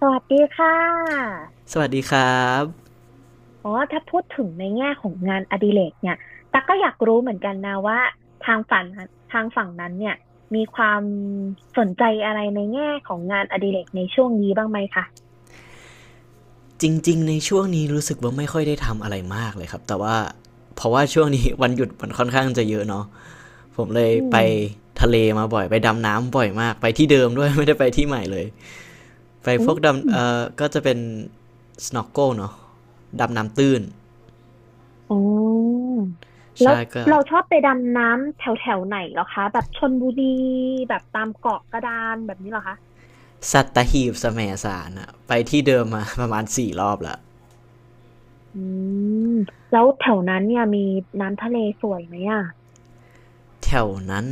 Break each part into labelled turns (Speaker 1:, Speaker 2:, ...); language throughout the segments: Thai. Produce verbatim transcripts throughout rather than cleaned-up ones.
Speaker 1: สวัสดีค่ะ
Speaker 2: สวัสดีครับ
Speaker 1: อ๋อถ้าพูดถึงในแง่ของงานอดิเรกเนี่ยตั๊กก็อยากรู้เหมือนกันนะว่าทางฝั่งนั้นทางฝั่งนั้นเนี่ยมีความสนใจอะไรในแง่ของงานอดิเรกในช่วงนี้บ้างไหมคะ
Speaker 2: จริงๆในช่วงนี้รู้สึกว่าไม่ค่อยได้ทำอะไรมากเลยครับแต่ว่าเพราะว่าช่วงนี้วันหยุดมันค่อนข้างจะเยอะเนาะผมเลย
Speaker 1: อื
Speaker 2: ไป
Speaker 1: ม
Speaker 2: ทะเลมาบ่อยไปดำน้ำบ่อยมากไปที่เดิมด้วย ไม่ได้ไปที่ใหม่เลยไป
Speaker 1: อื
Speaker 2: พวกดำ
Speaker 1: ม
Speaker 2: เอ่อก็จะเป็น snorkel เนาะดำน้ำตื้น
Speaker 1: อ๋อแล้ว
Speaker 2: ใช่ก็
Speaker 1: เราชอบไปดำน้ำแถวแถวไหนเหรอคะ แบบชลบุรีแบบตามเกาะกระดานแบบนี้เหรอคะ
Speaker 2: สัตหีบแสมสารอะไปที่เดิมมา ประมาณสี่รอบละ
Speaker 1: อืมแล้วแถวนั้นเนี่ยมีน้ำทะเลสวยไหมอ่ะ
Speaker 2: แถวนั้น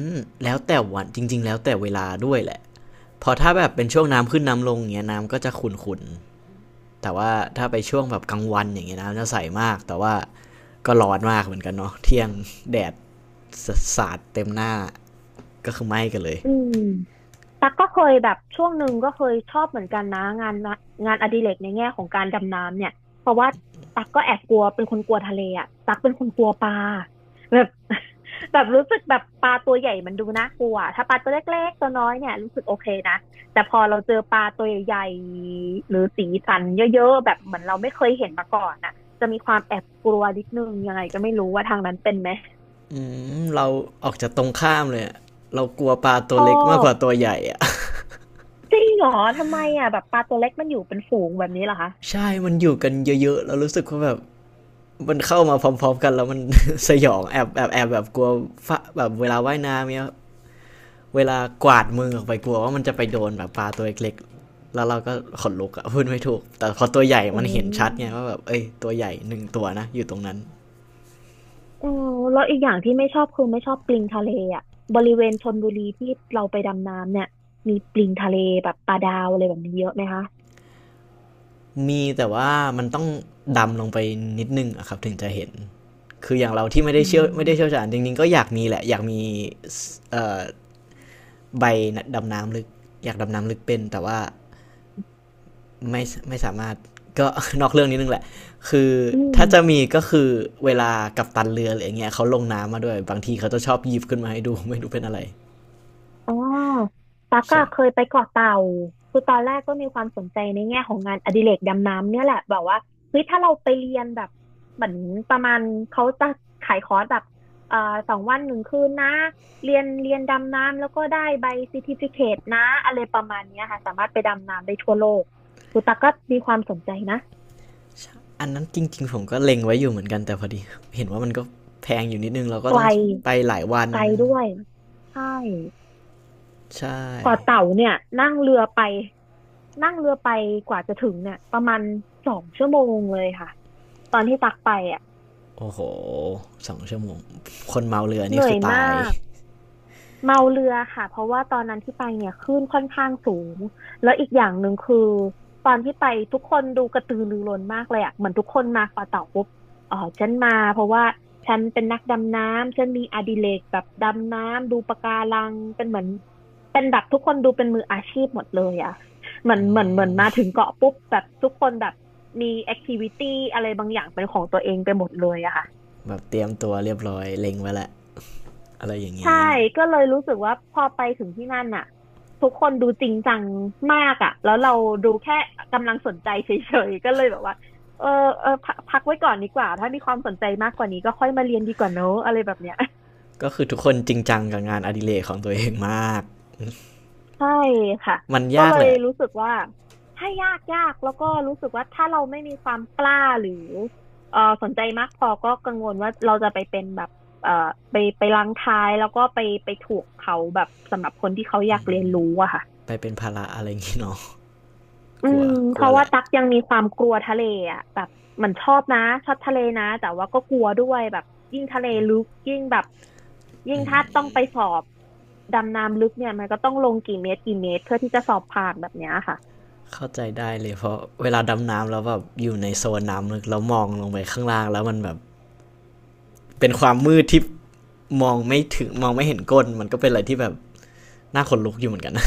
Speaker 2: แล้วแต่วันจริงๆแล้วแต่เวลาด้วยแหละพอถ้าแบบเป็นช่วงน้ำขึ้นน้ำลงเงี้ยน้ำก็จะขุ่นๆ แต่ว่าถ้าไปช่วงแบบกลางวันอย่างเงี้ยนะจะใสมากแต่ว่าก็ร้อนมากเหมือนกันเนาะเที่ยงแดดสาดเต็มหน้าก็คือไหม้กันเลย
Speaker 1: อืม ตักก็เคยแบบช่วงหนึ่งก็เคยชอบเหมือนกันนะงานละงานอดิเรกในแง่ของการดำน้ำเนี่ยเพราะว่าตักก็แอบกลัวเป็นคนกลัวทะเลอ่ะตักเป็นคนกลัวปลาแบบ แบบรู้สึกแบบปลาตัวใหญ่มันดูน่ากลัวถ้าปลาตัวเล็กๆตัวน้อยเนี่ยรู้สึกโอเคนะแต่พอเราเจอปลาตัวใหญ่หรือสีสันเยอะๆแบบเหมือนเราไม่เคยเห็นมาก่อนอ่ะจะมีความแอบกลัวนิดนึงยังไงก็ไม่รู้ว่าทางนั้นเป็นไหม
Speaker 2: อืมเราออกจากตรงข้ามเลยะเรากลัวปลา
Speaker 1: ช
Speaker 2: ตัว
Speaker 1: อ
Speaker 2: เล็กมากก
Speaker 1: บ
Speaker 2: ว่าตัวใหญ่อะ
Speaker 1: จริงเหรอทำไมอ่ะแบบปลาตัวเล็กมันอยู่เป็นฝูงแบบนี้เหรอคะ
Speaker 2: ใช่มันอยู่กันเยอะๆเรารู้สึกว่าแบบมันเข้ามาพร้อมๆกันแล้วมัน สยองแอบแอบแอบแบบกลัวฟแบบเวลาว่ายน้ำเนี่ย เวลากวาดมือออกไปกลัวว่ามันจะไปโดนแบบปลาตัวเล็กๆแล้วเราก็ขนลุกอะพูดไม่ถูกแต่พอตัวใหญ่
Speaker 1: อื
Speaker 2: มันเห็นชัดไงว่าแบ
Speaker 1: ม
Speaker 2: บเอ้ยตัวใหญ่หนึ่งตัวนะอยู่ตรงนั้น
Speaker 1: เออแล้วอีกอย่างที่ไม่ชอบคือไม่ชอบปลิงทะเลอ่ะบริเวณชลบุรีที่เราไปดำน้ำเนี่ย มีปลิงทะเลแบบปลาดาวอะไรแบบนี้เยอะไหมคะ
Speaker 2: มีแต่ว่ามันต้องดำลงไปนิดนึงอะครับถึงจะเห็นคืออย่างเราที่ไม่ได้
Speaker 1: อื
Speaker 2: เชี่ยวไม่ได้เชี่ยว
Speaker 1: ม
Speaker 2: ชาญจริงๆก็อยากมีแหละอยากมีใบดำน้ำลึกอยากดำน้ำลึกเป็นแต่ว่า ไม่ไม่สามารถก็ นอกเรื่องนิดนึงแหละคือ
Speaker 1: อืม
Speaker 2: ถ้าจะมีก็คือเวลากับตันเรืออะไรอย่างเงี้ยเขาลงน้ำมาด้วยบางทีเขาจะชอบหยิบขึ้นมาให้ดู ไม่รู้เป็นอะไร
Speaker 1: อ๋อตั๊ก
Speaker 2: ใช่
Speaker 1: อะเคยไปเกาะเต่า คือตอนแรกก็มีความสนใจในแง่ของงานอดิเรกดำน้ำเนี่ยแหละ แบบว่าเฮ้ยถ้าเราไปเรียนแบบเหมือนประมาณเขาจะขายคอร์สแบบเอ่อสองวันหนึ่งคืนนะเรียนเรียนดำน้ำแล้วก็ได้ใบซ e ติฟิเค e นะอะไรประมาณเนี้ยค่ะ สามารถไปดำน้ำได้ทั่วโลกคือตั๊กก็มีความสนใจนะ
Speaker 2: อันนั้นจริงๆผมก็เล็งไว้อยู่เหมือนกันแต่พอดีเห็นว่ามันก็แพงอยู่นิดนึงเราก็
Speaker 1: ไก
Speaker 2: ต้
Speaker 1: ล
Speaker 2: องไปหลายวัน
Speaker 1: ไกลด้วยใช่
Speaker 2: ใช่
Speaker 1: เกาะเต่าเนี่ยนั่งเรือไปนั่งเรือไปกว่าจะถึงเนี่ยประมาณสองชั่วโมงเลยค่ะตอนที่ตักไปอ่ะ
Speaker 2: โอ้โหสองชั่วโมงคนเมาเรือ
Speaker 1: เห
Speaker 2: นี่
Speaker 1: นื่
Speaker 2: คื
Speaker 1: อย
Speaker 2: อ
Speaker 1: มา
Speaker 2: ตาย
Speaker 1: ก เมาเรือค่ะเพราะว่าตอนนั้นที่ไปเนี่ยคลื่นค่อนข้างสูงแล้วอีกอย่างหนึ่งคือตอนที่ไปทุกคนดูกระตือรือร้นมากเลยอ่ะเหมือนทุกคนมาขอเต่าปุ๊บอ๋อฉันมาเพราะว่าฉันเป็นนักดำน้ำฉันมีอดิเรกแบบดำน้ำดูปะการังเป็นเหมือนเป็นแบบทุกคนดูเป็นมืออาชีพหมดเลยอ่ะเหมือนเหมือนเหมือนมาถึงเกาะปุ๊บแบบทุกคนแบบมีแอคทิวิตี้อะไรบางอย่างเป็นของตัวเองไปหมดเลยอะค่ะ
Speaker 2: แบบเตรียมตัวเรียบร้อยเล็งไว้แหละอะไรอย่าง
Speaker 1: ใช่
Speaker 2: นี้
Speaker 1: ก็เลยรู้สึกว่าพอไปถึงที่นั่นน่ะทุกคนดูจริงจังมากอ่ะแล้วเราดูแค่กำลังสนใจเฉยๆก็เลยแบบว่าเออเออพักพักไว้ก่อนดีกว่าถ้ามีความสนใจมากกว่านี้ก็ค่อยมาเรียนดีกว่าเนอะอะไรแบบเนี้ย
Speaker 2: ก็คือทุกคนจริงจังกับงานอดิเรกของตัวเองมาก
Speaker 1: ใช่ค่ะ
Speaker 2: มัน
Speaker 1: ก็
Speaker 2: ยา
Speaker 1: เล
Speaker 2: กแห
Speaker 1: ย
Speaker 2: ละ
Speaker 1: รู้สึกว่าถ้ายากยากแล้วก็รู้สึกว่าถ้าเราไม่มีความกล้าหรือเออสนใจมากพอก็กังวลว่าเราจะไปเป็นแบบเออไปไปรังท้ายแล้วก็ไปไปถูกเขาแบบสำหรับคนที่เขาอยากเรียนรู้อะค่ะ
Speaker 2: ไปเป็นภาระอะไรอย่างงี้เนาะ
Speaker 1: อื
Speaker 2: กลัว
Speaker 1: ม
Speaker 2: ก
Speaker 1: เพ
Speaker 2: ลัว
Speaker 1: ราะ
Speaker 2: แห
Speaker 1: ว่า
Speaker 2: ละ
Speaker 1: ตักยังมีความกลัวทะเลอ่ะแบบเหมันชอบนะชอบทะเลนะแต่ว่าก็กลัวด้วยแบบยิ่งทะเลลึกยิ่งแบบยิ่งถ้าต้องไปสอบดำน้ำลึกเนี่ยมันก็ต้องลงกี่เมตรกี่เมตรเพื่อที่จะสอบผ่านแบบเนี้ยค่ะ
Speaker 2: เข้าใจได้เลยเพราะเวลาดำน้ำแล้วแบบอยู่ในโซนน้ำลึกแล้วมองลงไปข้างล่างแล้วมันแบบเป็นความมืดที่มองไม่ถึงมองไม่เห็นก้นมันก็เป็นอะไรที่แบบน่าขนลุกอยู่เหมือนกันนะ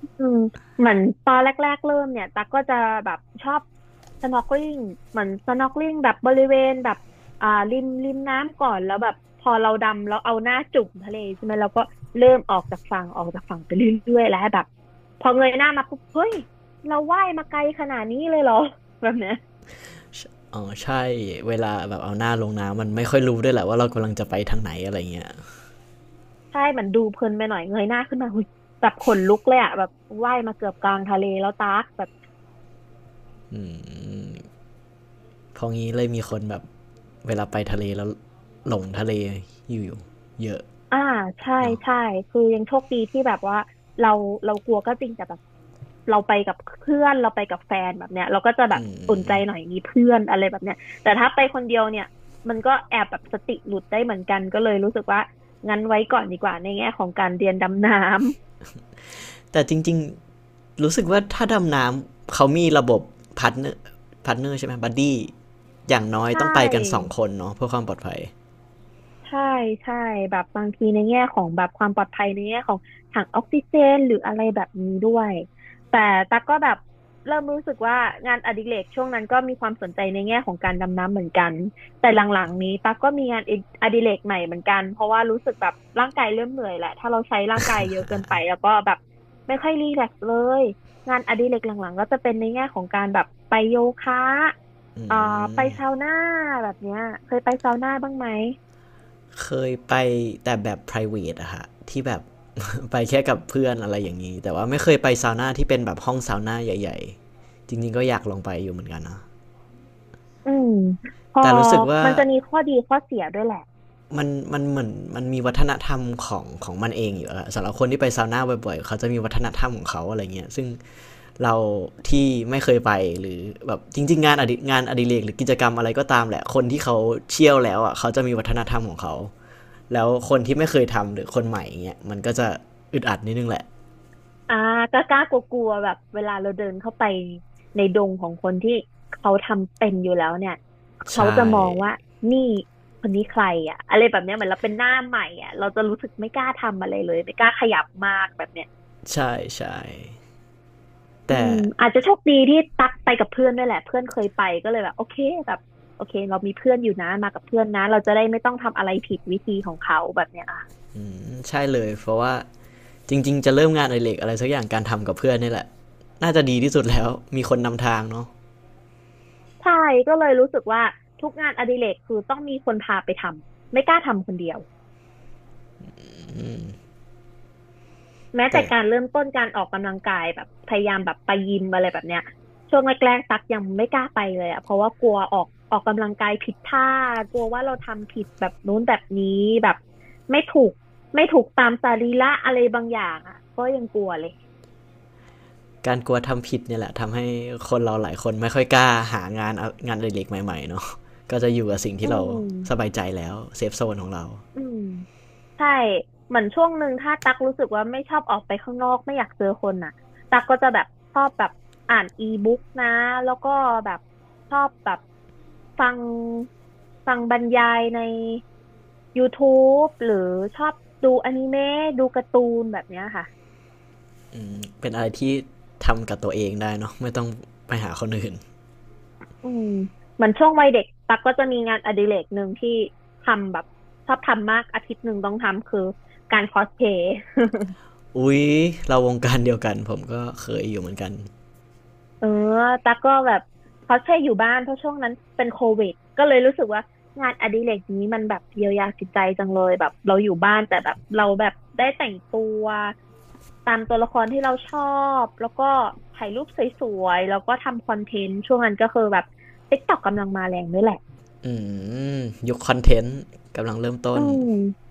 Speaker 1: อืมเหมือนตอนแรกๆเริ่มเนี่ยตักก็จะแบบชอบ snorkeling เหมือน snorkeling แบบบริเวณแบบอ่าริมริมน้ำก่อนแล้วแบบพอเราดำแล้วเอาหน้าจุ่มทะเลใช่ไหมเราก็เริ่มออกจากฝั่งออกจากฝั่งไปเรื่อยๆแล้วแบบพอเงยหน้ามาปุ๊บเฮ้ยเราว่ายมาไกลขนาดนี้เลยเหรอ แบบเนี้ย
Speaker 2: อ๋อใช่เวลาแบบเอาหน้าลงน้ำมันไม่ค่อยรู้ด้วยแหละว่าเรากำลังจะไปทางไหนอะไรเงี้ย
Speaker 1: ใช่มันดูเพลินไปหน่อยเงยหน้าขึ้นมาหุยแบบขนลุกเลยอะแบบว่ายมาเกือบกลางทะเลแล้วตักแบบ
Speaker 2: เพองี้เลยมีคนแบบเวลาไปทะเลแล้วหลงทะเลอยู่เยอะ
Speaker 1: อ่าใช่
Speaker 2: เนาะ
Speaker 1: ใช่คือยังโชคดีที่แบบว่าเราเรากลัวก็จริงแต่แบบเราไปกับเพื่อนเราไปกับแฟนแบบเนี้ยเราก็จะแบบอุ่นใจหน่อยมีเพื่อนอะไรแบบเนี้ยแต่ถ้าไปคนเดียวเนี่ยมันก็แอบแบบสติหลุดได้เหมือนกันก็เลยรู้สึกว่างั้นไว้ก่อนดีกว่าในแง่ของการเรียนดำน้ำ
Speaker 2: แต่จริง รู้สึกว่าถ้าดำน้ำเขามีระบบพาร์ทเนอร์พาร์ทเนอร์ใช่ไหมบัดดี้อย่าง น้อย
Speaker 1: ใช
Speaker 2: ต้องไปกันสอง
Speaker 1: ่
Speaker 2: คนเนาะเพื่อความปลอดภัย
Speaker 1: ใช่ใช่แบบบางทีในแง่ของแบบความปลอดภัยในแง่ของถังออกซิเจนหรืออะไรแบบนี้ด้วยแต่ตั๊กก็แบบเริ่มรู้สึกว่างานอดิเรกช่วงนั้นก็มีความสนใจในแง่ของการดำน้ำเหมือนกันแต่หลังๆนี้ตั๊กก็มีงานอดิเรกใหม่เหมือนกันเพราะว่ารู้สึกแบบร่างกายเริ่มเหนื่อยแหละถ้าเราใช้ร่างกายเยอะเกินไปแล้วก็แบบไม่ค่อยรีแลกซ์เลยงานอดิเรกหลังๆก็จะเป็นในแง่ของการแบบไปโยคะ
Speaker 2: อื
Speaker 1: เอ่อไปซา
Speaker 2: ม
Speaker 1: วน่าแบบเนี้ยเคยไปซาวน่าบ้างไหม
Speaker 2: เคยไปแต่แบบ พี อาร์ ไอ วี เอ ที อี อะฮะที่แบบ ไปแค่กับเพื่อนอะไรอย่างนี้แต่ว่าไม่เคยไปซาวน่าที่เป็นแบบห้องซาวน่าใหญ่ๆจริงๆก็อยากลองไปอยู่เหมือนกันนะ
Speaker 1: อืมพอ
Speaker 2: แต่รู้สึกว่า
Speaker 1: มันจะมีข้อดีข้อเสียด้วยแหละ
Speaker 2: มันมันเหมือนมันมีวัฒนธรรมของของมันเองอยู่อะสำหรับคนที่ไปซาวน่าบ่อยๆเขาจะมีวัฒนธรรมของเขาอะไรเงี้ยซึ่ง เราที่ไม่เคยไปหรือแบบจริงๆงานอดิงานอดิเรกหรือกิจกรรมอะไรก็ตามแหละคนที่เขาเชี่ยวแล้วอ่ะเขาจะมีวัฒนธรรมของเขาแล้วคนที่ไม่เคยทำหรือคนใหม่องเงี้ยมันก็จะอึดอัดนิดนึงแหละ
Speaker 1: อ่ากล้ากล้ากลัวกลัวแบบเวลาเราเดินเข้าไปในดงของคนที่เขาทำเป็นอยู่แล้วเนี่ย
Speaker 2: ใช่
Speaker 1: เขาจะมองว่านี่คนนี้ใครอ่ะอะไรแบบเนี้ยเหมือนเราเป็นหน้าใหม่อ่ะเราจะรู้สึกไม่กล้าทำอะไรเลยไม่กล้าขยับมากแบบเนี้ย
Speaker 2: ใช่ใช่
Speaker 1: อื
Speaker 2: แต่
Speaker 1: มอาจจะโชคดีที่ตักไปกับเพื่อนด้วยแหละเพื่อนเคยไปก็เลยแบบโอเคแบบโอเคเรามีเพื่อนอยู่นะมากับเพื่อนนะเราจะได้ไม่ต้องทำอะไรผิดวิธีของเขาแบบเนี้ย
Speaker 2: ใช่เลยเพราะว่าจริงๆจะเริ่มงานอดิเรกอะไรสักอย่างการทำกับเพื่อนนี่แหละน่าจะดีที่สุดแล้วมีคนนำทางเนาะ
Speaker 1: ใช่ก็เลยรู้สึกว่าทุกงานอดิเรกคือต้องมีคนพาไปทำไม่กล้าทำคนเดียวแม้แต่
Speaker 2: แต่
Speaker 1: การเริ่มต้นการออกกำลังกายแบบพยายามแบบไปยิมอะไรแบบเนี้ยช่วงแรกๆตักยังไม่กล้าไปเลยอะเพราะว่ากลัวออกออกกำลังกายผิดท่ากลัวว่าเราทำผิดแบบนู้นแบบนี้แบบไม่ถูกไม่ถูกตามสรีระอะไรบางอย่างอะก็ยังกลัวเลย
Speaker 2: การกลัวทำผิดเนี่ยแหละทำให้คนเราหลายคนไม่ค่อยกล้าหางานองานอดิเล็กใหม่ๆเนาะก็จะอยู่กับสิ่ง
Speaker 1: อื
Speaker 2: ที่เราสบา
Speaker 1: ม
Speaker 2: ยใจแล้วเซฟโซนของเรา
Speaker 1: อืมใช่เหมือนช่วงหนึ่งถ้าตักรู้สึกว่าไม่ชอบออกไปข้างนอกไม่อยากเจอคนน่ะตักก็จะแบบชอบแบบอ่านอีบุ๊กนะแล้วก็แบบชอบแบบฟังฟังบรรยายใน ยูทูบ หรือชอบดูอนิเมะดูการ์ตูนแบบเนี้ยค่ะ
Speaker 2: เป็นอะไรที่ทำกับตัวเองได้เนาะไม่ต้องไปหาคนอื่น
Speaker 1: อืมเหมือนช่วงวัยเด็กตักก็จะมีงานอดิเรกหนึ่งที่ทำแบบชอบทำมากอาทิตย์หนึ่งต้องทำคือการคอสเพลย์
Speaker 2: อุ๊ยเราวงการเดียวกันผมก็เคยอยู่เหมือนกัน
Speaker 1: เออตั๊กก็แบบเขาใช่อยู่บ้านเพราะช่วงนั้นเป็นโควิดก็เลยรู้สึกว่างานอดิเรกนี้มันแบบเยียวยาจิตใจจังเลยแบบเราอยู่บ้านแต่แบบเราแบบได้แต่งตัวตามตัวละครที่เราชอบแล้วก็ถ่ายรูปสวยๆแล้วก็ทำคอนเทนต์ช่วงนั้นก็คือแบบ ติ๊กต็อก กต็อกกำลังมาแรงด้วยแหละ
Speaker 2: อืมยุคคอนเทนต์กำลังเริ่มต้
Speaker 1: อื
Speaker 2: น
Speaker 1: ม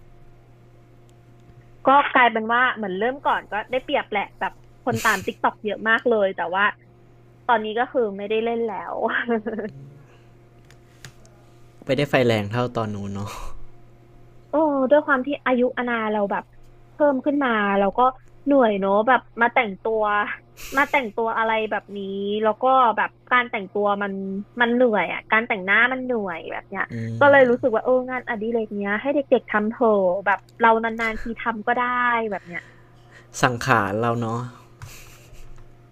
Speaker 1: ก็กลายเป็นว่าเหมือนเริ่มก่อนก็ได้เปรียบแหละแบบคนตามติ๊กต็อกเยอะมากเลยแต่ว่าตอนนี้ก็คือไม่ได้เล่นแล้ว
Speaker 2: ไม่ได้ไฟแรงเท่าตอนนู้นเนาะ
Speaker 1: โอ้ด้วยความที่อายุอาณาเราแบบเพิ่มขึ้นมาเราก็เหนื่อยเนอะแบบมาแต่งตัว มาแต่งตัวอะไรแบบนี้แล้วก็แบบการแต่งตัวมันมันเหนื่อยอ่ะการแต่งหน้ามันเหนื่อยแบบเนี้ยก็เลยรู้สึกว่าเอองานอดิเรกเนี้ยให้เด็กๆทำเถอะแบบเรานานๆทีทำก็ได้แบบเนี้ย
Speaker 2: สังขารเราเนาะ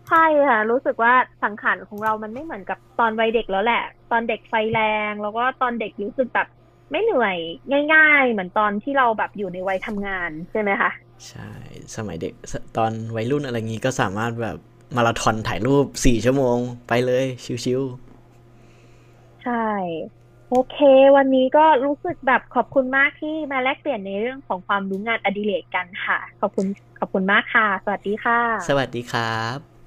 Speaker 1: ใช่ค่ะรู้สึกว่าสังขารของเรามันไม่เหมือนกับตอนวัยเด็กแล้วแหละตอนเด็กไฟแรงแล้วก็ตอนเด็กรู้สึกแบบไม่เหนื่อยง่ายๆเหมือนตอนที่เราแบบอยู่ในวัยทำงานใช่ไหมคะ
Speaker 2: ใช่สมัยเด็กตอนวัยรุ่นอะไรงี้ก็สามารถแบบมาราธอนถ่ายรูปสี่ชั่วโมงไปเลยชิวๆ
Speaker 1: ใช่โอเควันนี้ก็รู้สึกแบบขอบคุณมากที่มาแลกเปลี่ยนในเรื่องของความรู้งานอดิเรกกันค่ะขอบคุณขอบคุณมากค่ะสวัสดีค่
Speaker 2: สวัส
Speaker 1: ะ
Speaker 2: ดีครับ